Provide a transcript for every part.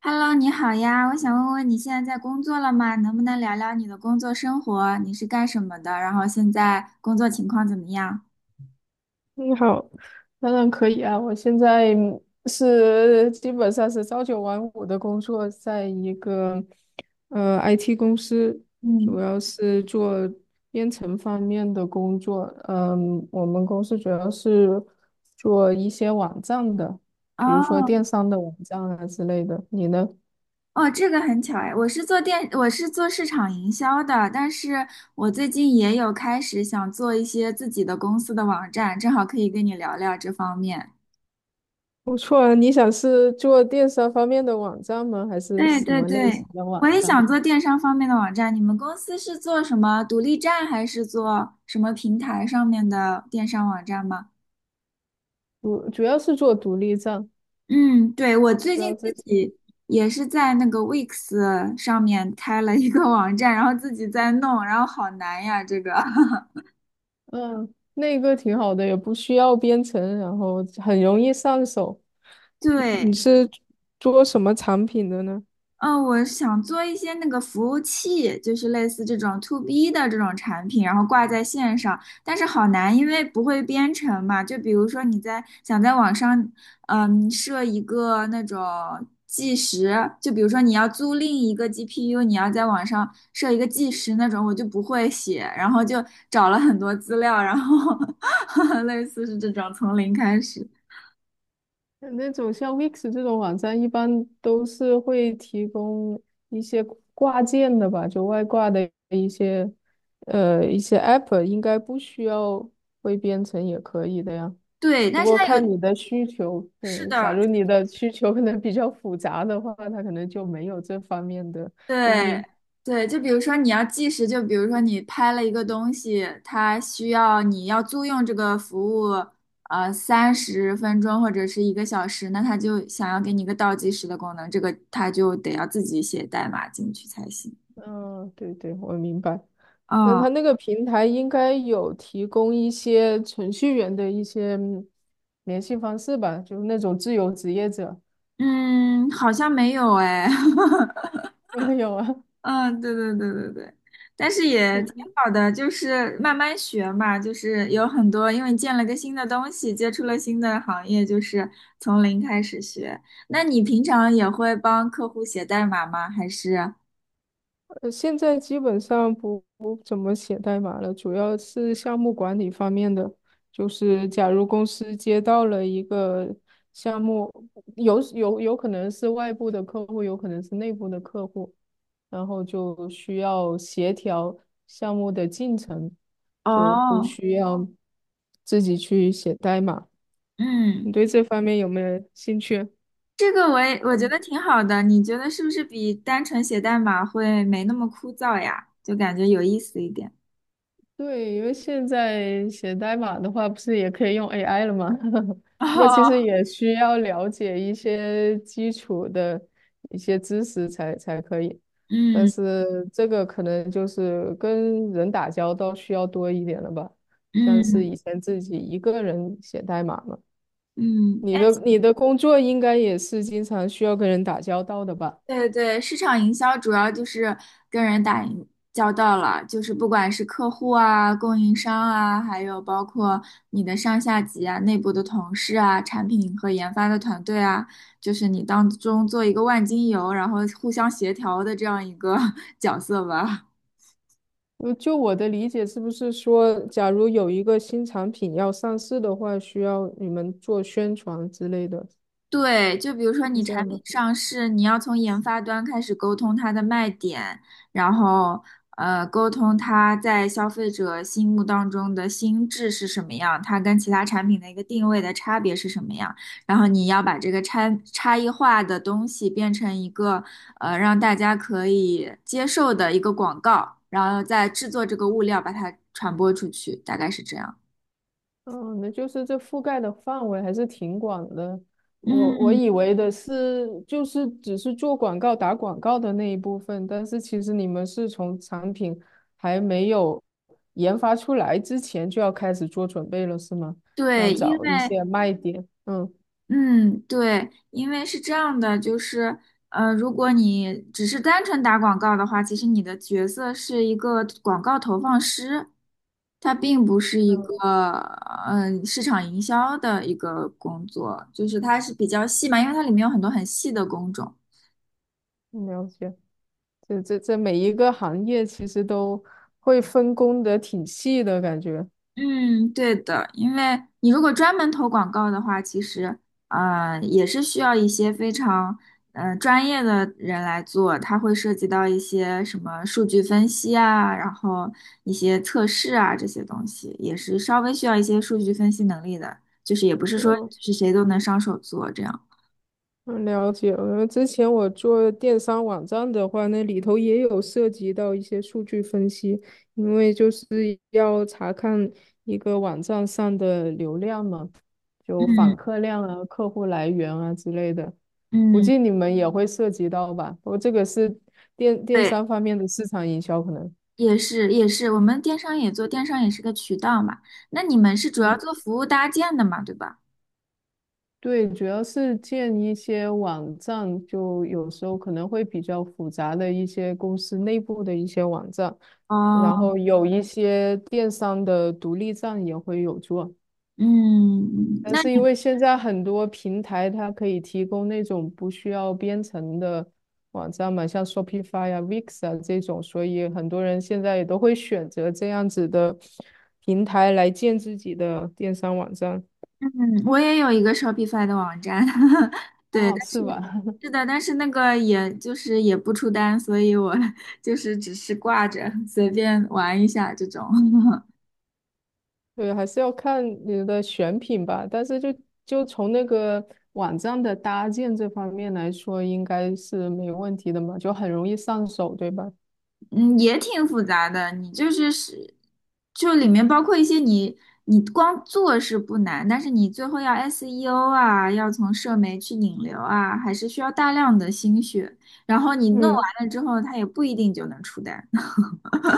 Hello，你好呀，我想问问你现在在工作了吗？能不能聊聊你的工作生活？你是干什么的？然后现在工作情况怎么样？你好，当然可以啊。我现在是基本上是朝九晚五的工作，在一个IT 公司，主嗯，要是做编程方面的工作。嗯，我们公司主要是做一些网站的，比如说哦电商的网站啊之类的。你呢？哦，这个很巧哎，我是做市场营销的，但是我最近也有开始想做一些自己的公司的网站，正好可以跟你聊聊这方面。不错啊，你想是做电商方面的网站吗？还是对什对么类对，型的我网也站？想做电商方面的网站。你们公司是做什么独立站，还是做什么平台上面的电商网站吗？主要是做独立站，嗯，对，我最不知近道这。自己也是在那个 Wix 上面开了一个网站，然后自己在弄，然后好难呀，这个。嗯，那个挺好的，也不需要编程，然后很容易上手。你对，是做什么产品的呢？嗯，我想做一些那个服务器，就是类似这种 to B 的这种产品，然后挂在线上，但是好难，因为不会编程嘛。就比如说你在想在网上，设一个那种计时，就比如说你要租赁一个 GPU，你要在网上设一个计时那种，我就不会写，然后就找了很多资料，然后 类似是这种从零开始。那种像 Wix 这种网站，一般都是会提供一些挂件的吧，就外挂的一些 App，应该不需要会编程也可以的呀。对，不但是过它有，看你的需求，是假的，如你的需求可能比较复杂的话，它可能就没有这方面的供对应。对，就比如说你要计时，就比如说你拍了一个东西，它需要你要租用这个服务，三十分钟或者是一个小时，那它就想要给你一个倒计时的功能，这个它就得要自己写代码进去才行。嗯，对对，我明白。但哦，它那个平台应该有提供一些程序员的一些联系方式吧，就是那种自由职业者。嗯，好像没有哎，没有啊，嗯，对对对对对，但是 也那挺个好的，就是慢慢学嘛，就是有很多，因为见了个新的东西，接触了新的行业，就是从零开始学。那你平常也会帮客户写代码吗？还是？现在基本上不怎么写代码了，主要是项目管理方面的。就是假如公司接到了一个项目，有可能是外部的客户，有可能是内部的客户，然后就需要协调项目的进程，就不哦，需要自己去写代码。你嗯，对这方面有没有兴趣？这个我觉得挺好的，你觉得是不是比单纯写代码会没那么枯燥呀？就感觉有意思一点。对，因为现在写代码的话，不是也可以用 AI 了吗？不过其哦，实也需要了解一些基础的一些知识才可以，但嗯是这个可能就是跟人打交道需要多一点了吧，像是嗯以前自己一个人写代码嘛。嗯，你的工作应该也是经常需要跟人打交道的吧？对对，市场营销主要就是跟人打营交道了，就是不管是客户啊、供应商啊，还有包括你的上下级啊、内部的同事啊、产品和研发的团队啊，就是你当中做一个万金油，然后互相协调的这样一个 角色吧。就我的理解，是不是说，假如有一个新产品要上市的话，需要你们做宣传之类的，对，就比如说是你这产样品吗？上市，你要从研发端开始沟通它的卖点，然后沟通它在消费者心目当中的心智是什么样，它跟其他产品的一个定位的差别是什么样，然后你要把这个差异化的东西变成一个让大家可以接受的一个广告，然后再制作这个物料把它传播出去，大概是这样。嗯，那就是这覆盖的范围还是挺广的。我嗯，以为的是，就是只是做广告、打广告的那一部分，但是其实你们是从产品还没有研发出来之前就要开始做准备了，是吗？要对，因找一为些卖点。嗯，嗯，对，因为是这样的，就是，如果你只是单纯打广告的话，其实你的角色是一个广告投放师，它并不是一个，嗯，市场营销的一个工作，就是它是比较细嘛，因为它里面有很多很细的工种。了解。这每一个行业其实都会分工的挺细的感觉。嗯，对的，因为你如果专门投广告的话，其实也是需要一些非常专业的人来做，它会涉及到一些什么数据分析啊，然后一些测试啊这些东西，也是稍微需要一些数据分析能力的，就是也不是说嗯。是谁都能上手做这样。嗯，了解了。之前我做电商网站的话，那里头也有涉及到一些数据分析，因为就是要查看一个网站上的流量嘛，就嗯访客量啊、客户来源啊之类的。估嗯，计你们也会涉及到吧？我这个是电电对，商方面的市场营销可能。也是也是，我们电商也做，电商也是个渠道嘛。那你们是主要嗯做服务搭建的嘛，对吧？对，主要是建一些网站，就有时候可能会比较复杂的一些公司内部的一些网站，然后哦，有一些电商的独立站也会有做。嗯，但那是因你为现在很多平台它可以提供那种不需要编程的网站嘛，像 Shopify 啊、Wix 啊这种，所以很多人现在也都会选择这样子的平台来建自己的电商网站。嗯，我也有一个 Shopify 的网站，对，啊，是吧？但是那个也就是也不出单，所以我 就是只是挂着随便玩一下这种，对，还是要看你的选品吧。但是就从那个网站的搭建这方面来说，应该是没问题的嘛，就很容易上手，对吧？嗯，也挺复杂的。你就是，就里面包括一些你光做是不难，但是你最后要 SEO 啊，要从社媒去引流啊，还是需要大量的心血。然后你弄嗯，完了之后，它也不一定就能出单。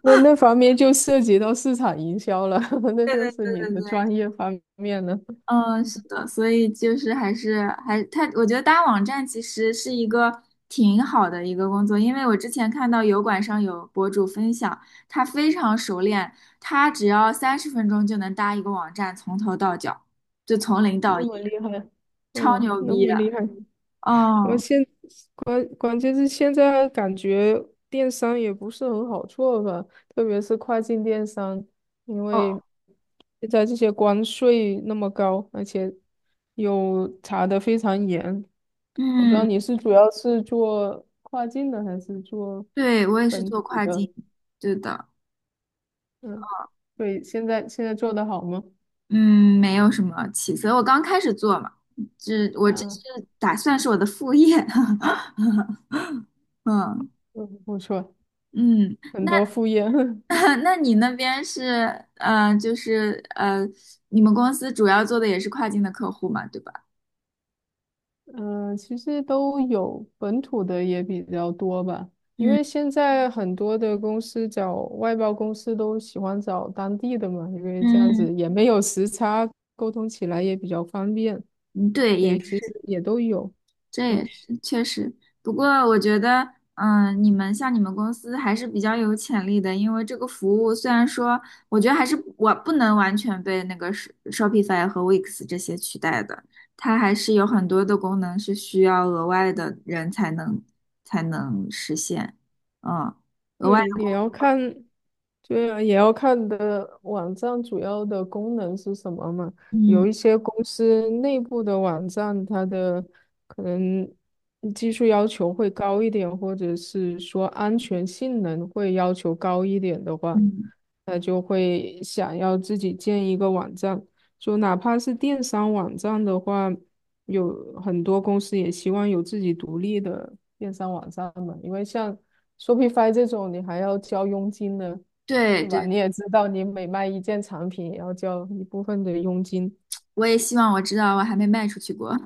那方面就涉及到市场营销了，那对就对是对你对的对。专业方面了。嗯，嗯是的，所以就是还是我觉得搭网站其实是一个挺好的一个工作，因为我之前看到油管上有博主分享，他非常熟练，他只要三十分钟就能搭一个网站，从头到脚，就从零到那一，么厉害，超嗯，牛那逼么的。厉害。我哦现关键是现在感觉电商也不是很好做吧，特别是跨境电商，因为哦，现在这些关税那么高，而且又查的非常严。我不知道嗯，你是主要是做跨境的还是做对，我也是本做土跨境，的？对的，嗯，对，现在做的好吗？嗯，没有什么起色，我刚开始做嘛，这啊，是打算是我的副业，嗯嗯，不错，嗯。很多副业。那你那边是，就是你们公司主要做的也是跨境的客户嘛，对吧？嗯，其实都有，本土的也比较多吧。因为嗯现在很多的公司找外包公司都喜欢找当地的嘛，因为这样嗯子也没有时差，沟通起来也比较方便，嗯对，所以其实也都有。这也嗯。是确实。不过我觉得，你们像你们公司还是比较有潜力的，因为这个服务虽然说，我觉得还是我不能完全被那个 Shopify 和 Wix 这些取代的，它还是有很多的功能是需要额外的人才能实现，嗯。额外。对，也的，要看，对啊，也要看的网站主要的功能是什么嘛。嗯。有一些公司内部的网站，它的可能技术要求会高一点，或者是说安全性能会要求高一点的话，嗯，那就会想要自己建一个网站。就哪怕是电商网站的话，有很多公司也希望有自己独立的电商网站嘛，因为像Shopify 这种你还要交佣金呢，对是对，吧？你也知道，你每卖一件产品也要交一部分的佣金。我也希望我知道，我还没卖出去过，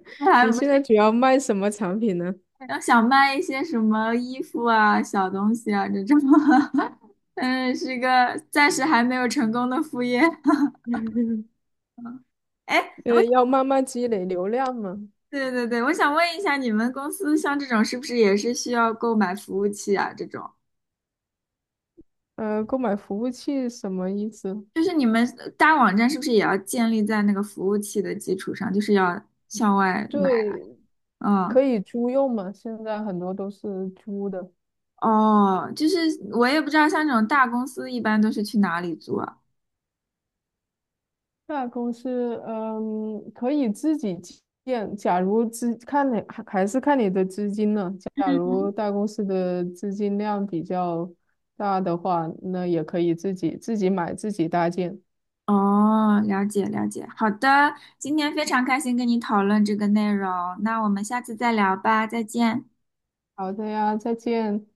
我还你不现是在主要卖什么产品呢？要想卖一些什么衣服啊、小东西啊这种，嗯，是个暂时还没有成功的副业。哎，我要想，慢慢积累流量嘛。对对对，我想问一下，你们公司像这种是不是也是需要购买服务器啊？这种购买服务器什么意思？就是你们大网站是不是也要建立在那个服务器的基础上，就是要向外买？对，嗯，可以租用嘛，现在很多都是租的。哦，就是我也不知道，像这种大公司一般都是去哪里租啊？大公司，可以自己建。假如资看你还还是看你的资金呢。假如嗯，大公司的资金量比较大的话，那也可以自己买自己搭建。哦，了解了解，好的，今天非常开心跟你讨论这个内容，那我们下次再聊吧，再见。好的呀，再见。